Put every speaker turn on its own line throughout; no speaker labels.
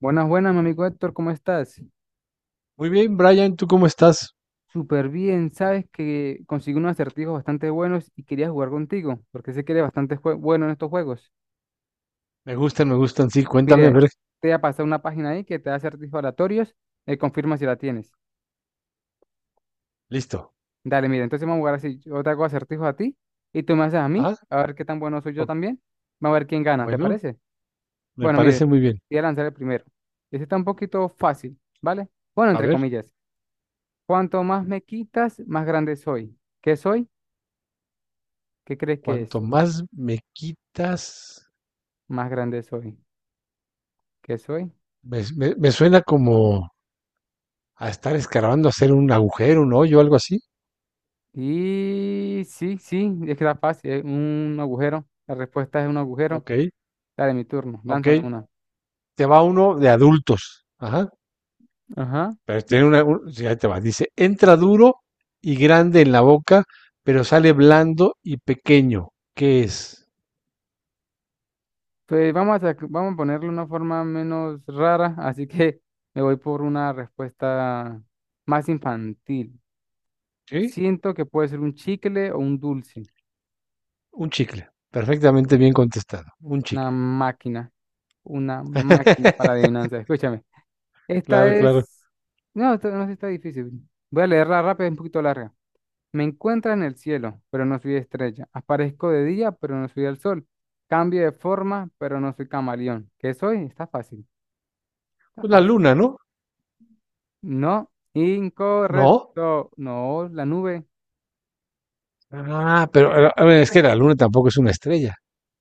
Buenas, buenas, mi amigo Héctor, ¿cómo estás?
Muy bien, Brian, ¿tú cómo estás?
Súper bien, sabes que conseguí unos acertijos bastante buenos y quería jugar contigo, porque sé que eres bastante bueno en estos juegos.
Me gustan, sí, cuéntame, a
Mire,
ver,
te voy a pasar una página ahí que te da acertijos aleatorios, confirma si la tienes.
listo.
Dale, mira, entonces vamos a jugar así, yo te hago acertijos a ti y tú me haces a mí,
Ah,
a ver qué tan bueno soy yo
o-
también. Vamos a ver quién gana, ¿te
bueno,
parece?
me
Bueno,
parece
mire,
muy bien.
voy a lanzar el primero. Este está un poquito fácil, ¿vale? Bueno,
A
entre
ver,
comillas, cuanto más me quitas, más grande soy. ¿Qué soy? ¿Qué crees que es?
cuanto más me quitas,
Más grande soy, ¿qué soy?
me suena como a estar escarbando, hacer un agujero, un hoyo, algo así.
Y sí, sí, es que está fácil, es un agujero. La respuesta es un agujero.
Ok,
Dale, mi turno,
ok,
lánzame una.
te va uno de adultos. Ajá,
Ajá.
pero tiene sí, ahí te va, dice, entra duro y grande en la boca, pero sale blando y pequeño. ¿Qué es?
Pues vamos a ponerle una forma menos rara, así que me voy por una respuesta más infantil.
¿Sí?
Siento que puede ser un chicle o un dulce,
Un chicle. Perfectamente bien contestado. Un
una
chicle.
máquina, una máquina para adivinanza. Escúchame. Esta
Claro, claro.
es... No, esta no sí está difícil. Voy a leerla rápido, es un poquito larga. Me encuentra en el cielo, pero no soy estrella. Aparezco de día, pero no soy el sol. Cambio de forma, pero no soy camaleón. ¿Qué soy? Está fácil, está
Pues la
fácil.
luna, ¿no?
No,
No.
incorrecto. No, la nube.
Ah, pero a
Pues,
a ver, es que la luna tampoco es una estrella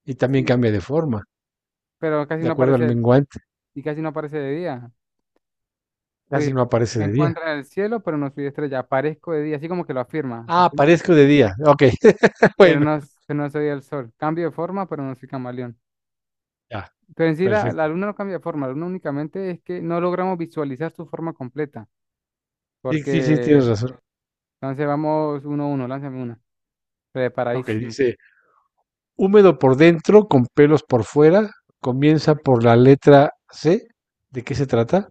y también
sí,
cambia de forma,
pero casi
de
no
acuerdo al
aparece
menguante.
y casi no aparece de día. Pues,
Casi no aparece
me
de día.
encuentra en el cielo, pero no soy estrella. Aparezco de día, así como que lo afirma,
Ah,
afirma,
aparezco de día. Ok. Bueno,
pero no soy el sol. Cambio de forma, pero no soy camaleón.
ya,
Pero en sí la
perfecto.
luna no cambia de forma, la luna únicamente es que no logramos visualizar su forma completa.
Sí, sí, sí,
Porque,
tienes razón.
entonces vamos uno a uno, lánzame una.
Ok,
Preparadísimo.
dice, húmedo por dentro, con pelos por fuera, comienza por la letra C. ¿De qué se trata?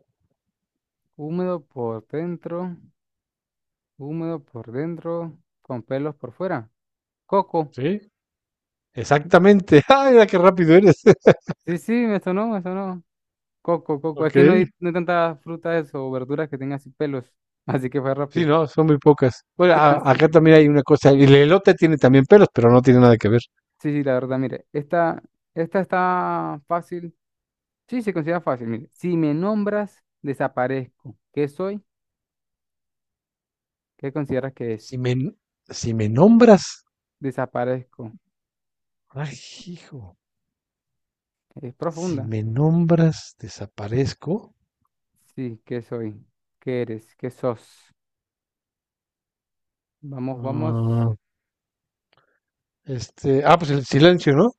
Húmedo por dentro, húmedo por dentro, con pelos por fuera. Coco.
Sí, exactamente. Ah, mira qué rápido eres.
Sí, sí, me sonó, me sonó. Coco, coco. Es
Ok.
que no hay tantas frutas o verduras que tengan así pelos. Así que fue
Sí,
rápido.
no, son muy pocas. Bueno,
Mira,
acá también hay una cosa. El elote tiene también pelos, pero no tiene nada que ver.
sí, sí, la verdad, mire. Esta está fácil. Sí, se considera fácil. Mire, si me nombras, desaparezco. ¿Qué soy? ¿Qué consideras que es?
Si me, n- si me nombras,
Desaparezco.
ay, hijo,
Es
si
profunda.
me nombras, desaparezco.
Sí, ¿qué soy? ¿Qué eres? ¿Qué sos? Vamos, vamos.
Ah, ah, pues el silencio, ¿no?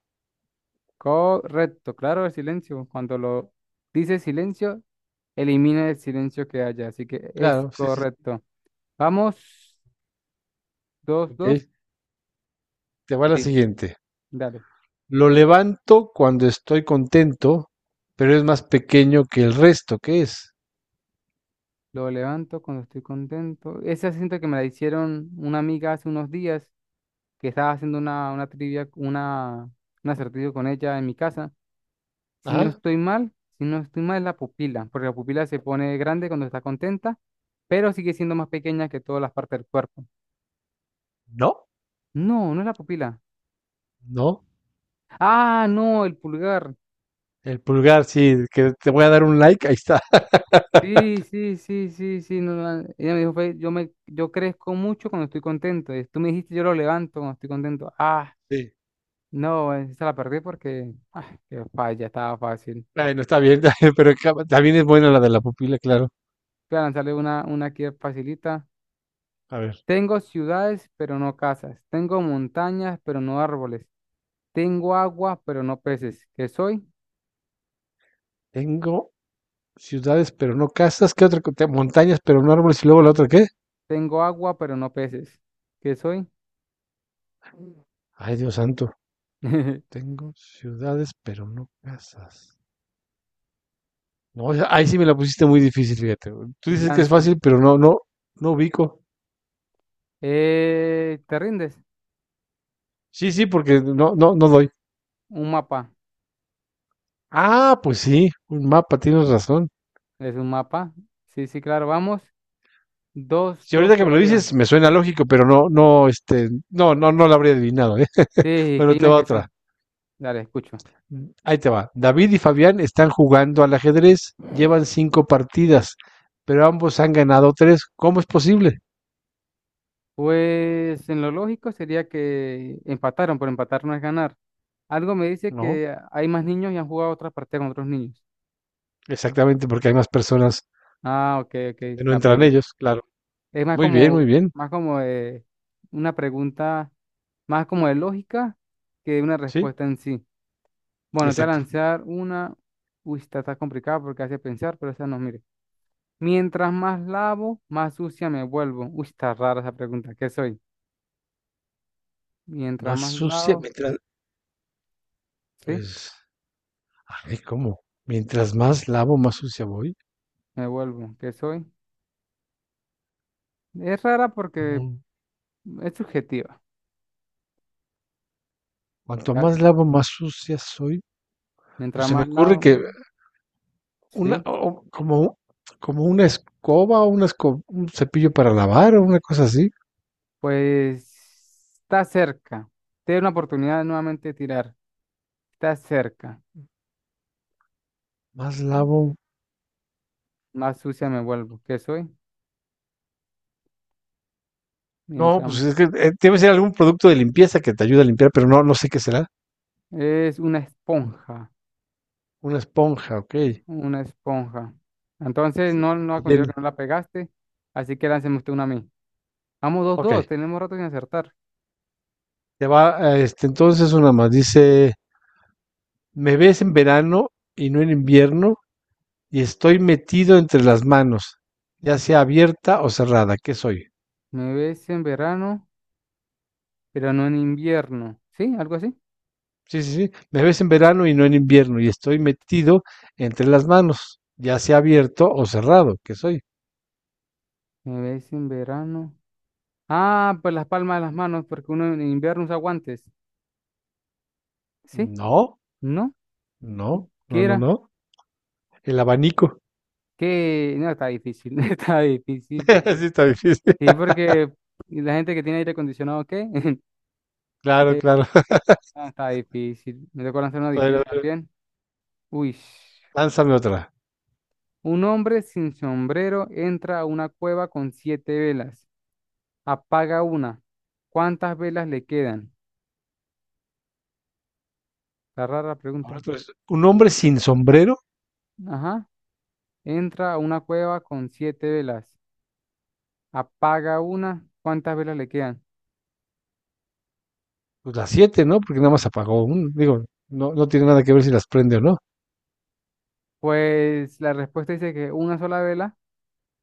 Correcto, claro, el silencio. Cuando lo dice silencio, elimina el silencio que haya. Así que es
Claro, sí, sí.
correcto. Vamos, dos,
Ok,
dos.
te va la
Sí,
siguiente.
dale.
Lo levanto cuando estoy contento, pero es más pequeño que el resto. ¿Qué es?
Lo levanto cuando estoy contento. Esa siento que me la hicieron una amiga hace unos días que estaba haciendo una trivia, un acertijo con ella en mi casa. Si no
Ah,
estoy mal, si no estoy mal es la pupila, porque la pupila se pone grande cuando está contenta, pero sigue siendo más pequeña que todas las partes del cuerpo.
no,
No, no es la pupila.
no.
Ah, no, el pulgar.
El pulgar, sí, que te voy a dar un like, ahí está.
Sí, sí, sí, sí, sí. No, no, no. Ella me dijo, fue, yo crezco mucho cuando estoy contento. Y tú me dijiste, yo lo levanto cuando estoy contento. Ah,
Sí.
no, esa la perdí porque, qué falla, estaba fácil.
Bueno, está bien, pero también es buena la de la pupila, claro.
Voy a lanzarle una aquí facilita.
A ver,
Tengo ciudades, pero no casas. Tengo montañas, pero no árboles. Tengo agua, pero no peces. ¿Qué soy?
tengo ciudades, pero no casas. ¿Qué otra? Montañas, pero no árboles. Y luego la otra, ¿qué?
Tengo agua, pero no peces. ¿Qué soy?
Ay, Dios santo. Tengo ciudades, pero no casas. No, o sea, ahí sí me la pusiste muy difícil, fíjate, güey. Tú dices que es
Lance.
fácil, pero no, no, no ubico.
¿Te rindes?
Sí, sí, porque no, no, no doy.
Un mapa.
Ah, pues sí, un mapa, tienes razón.
Es un mapa. Sí, sí, claro. Vamos. Dos,
Si
dos
ahorita que me lo
todavía.
dices, me suena lógico, pero no, no, no, no, no lo habría adivinado, ¿eh?
Sí, que hay
Bueno, te
una
va
que
otra.
son. Dale, escucho.
Ahí te va. David y Fabián están jugando al ajedrez, llevan cinco partidas, pero ambos han ganado tres. ¿Cómo es posible?
Pues en lo lógico sería que empataron, pero empatar no es ganar. Algo me dice
No,
que hay más niños y han jugado otras partidas con otros niños.
exactamente, porque hay más personas
Ah, ok, ok,
donde no
la
entran
pegué.
ellos, claro.
Es más
Muy bien, muy
como,
bien.
más como eh, una pregunta más como de lógica que de una
Sí,
respuesta en sí. Bueno, te voy a
exacto.
lanzar una. Uy, esta está complicada porque hace pensar, pero esa no, mire. Mientras más lavo, más sucia me vuelvo. Uy, está rara esa pregunta. ¿Qué soy? Mientras
Más
más
sucia,
lavo,
mientras,
sí,
pues, ay, ¿cómo? Mientras más lavo, más sucia voy.
me vuelvo. ¿Qué soy? Es rara porque
No.
es subjetiva.
Cuanto
¿Ya?
más lavo, más sucia soy. Pues
Mientras
se me
más
ocurre
lavo,
que una,
sí.
o como una escoba o un cepillo para lavar o una cosa así.
Pues está cerca. Te doy una oportunidad de nuevamente tirar. Está cerca.
Más lavo.
Más sucia me vuelvo. ¿Qué soy?
No, pues
Mientras.
es que debe ser algún producto de limpieza que te ayude a limpiar, pero no, no sé qué será.
Es una esponja,
Una esponja, ok.
una esponja. Entonces,
Sí,
no
te
considero que
llena.
no la pegaste, así que lánceme usted una a mí. Vamos, dos,
Ok.
dos, tenemos rato sin acertar.
Te va, entonces una más. Dice, me ves en verano y no en invierno y estoy metido entre las manos, ya sea abierta o cerrada. ¿Qué soy?
Me ves en verano, pero no en invierno. ¿Sí? ¿Algo así?
Sí, sí, sí. Me ves en verano y no en invierno y estoy metido entre las manos, ya sea abierto o cerrado. ¿Qué soy?
Me ves en verano. Ah, pues las palmas de las manos, porque uno en invierno usa guantes. ¿Sí?
No,
¿No?
no,
¿Qué
no, no,
era?
no. El abanico.
Que no, está difícil, está difícil.
Sí, está difícil.
Sí, porque la gente que tiene aire acondicionado, ¿qué?
Claro,
Eh,
claro.
está difícil. Me tocó lanzar una difícil
Bueno, bueno,
también. Uy,
lánzame otra.
un hombre sin sombrero entra a una cueva con siete velas, apaga una. ¿Cuántas velas le quedan? Está rara la
Ahora
pregunta.
tú eres un hombre sin sombrero,
Ajá. Entra a una cueva con siete velas, apaga una. ¿Cuántas velas le quedan?
pues las siete, ¿no? Porque nada más apagó un. Digo, no, no tiene nada que ver si las prende o no.
Pues la respuesta dice que una sola vela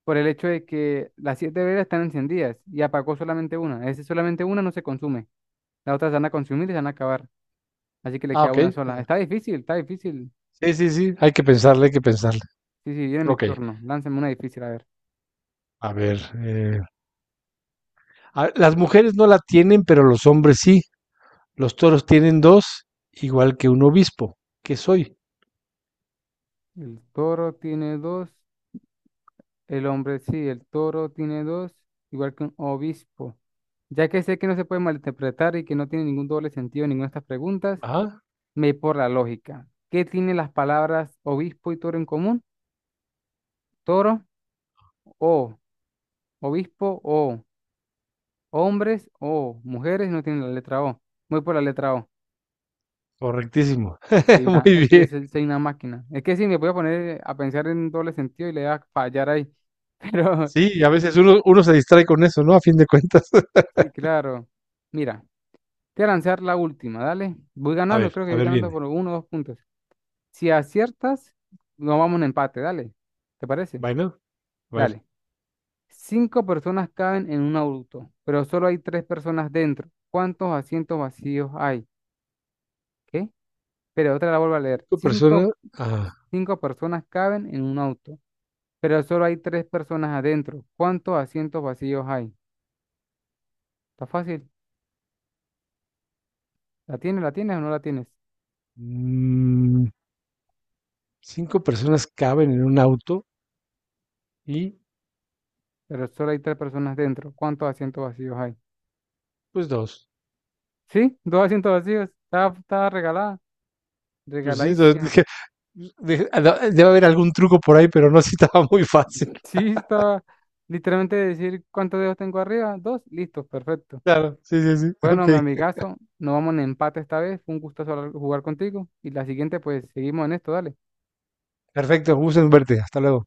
por el hecho de que las siete velas están encendidas y apagó solamente una. Es solamente una no se consume. Las otras se van a consumir y se van a acabar. Así que le
Ah,
queda
ok.
una sola. Está difícil, está difícil.
Sí, sí, sí. Hay que pensarle, hay que pensarle.
Sí, sí, viene mi
Ok.
turno. Lánzame una difícil, a ver.
A ver. eh, las mujeres no la tienen, pero los hombres sí. Los toros tienen dos, igual que un obispo. ¿Qué soy?
El toro tiene dos, el hombre sí, el toro tiene dos, igual que un obispo. Ya que sé que no se puede malinterpretar y que no tiene ningún doble sentido en ninguna de estas preguntas,
Ajá,
me voy por la lógica. ¿Qué tienen las palabras obispo y toro en común? Toro o, obispo o, hombres o, mujeres no tienen la letra O. Voy por la letra O.
correctísimo.
Soy una, es
Muy
que
bien.
soy una máquina. Es que si me voy a poner a pensar en doble sentido y le voy a fallar ahí, pero.
Sí, a veces uno se distrae con eso, ¿no? A fin de cuentas.
Sí, claro. Mira, te voy a lanzar la última, dale. Voy ganando, creo que
A
voy
ver,
ganando
viene.
por uno o dos puntos. Si aciertas, nos vamos en empate, dale. ¿Te parece?
Bueno, bueno.
Dale. Cinco personas caben en un auto, pero solo hay tres personas dentro. ¿Cuántos asientos vacíos hay? ¿Qué? Pero otra la vuelvo a leer.
cinco personas,
Cinco,
ah,
cinco personas caben en un auto, pero solo hay tres personas adentro. ¿Cuántos asientos vacíos hay? Está fácil. ¿La tienes o no la tienes?
mm, Cinco personas caben en un auto y
Pero solo hay tres personas dentro. ¿Cuántos asientos vacíos hay?
pues dos.
Sí, dos asientos vacíos. Estaba regalada,
Pues sí, dos,
regaladísima.
dije, pues, dije, "Ah, no, debe haber algún truco por ahí, pero no, sí estaba muy fácil.
Sí, estaba literalmente decir cuántos dedos tengo arriba. Dos, listo, perfecto.
Claro, sí, sí, sí.
Bueno,
Ok,
mi amigazo, nos vamos en empate esta vez. Fue un gusto jugar contigo. Y la siguiente, pues seguimos en esto, dale.
perfecto, gusto en verte. Hasta luego.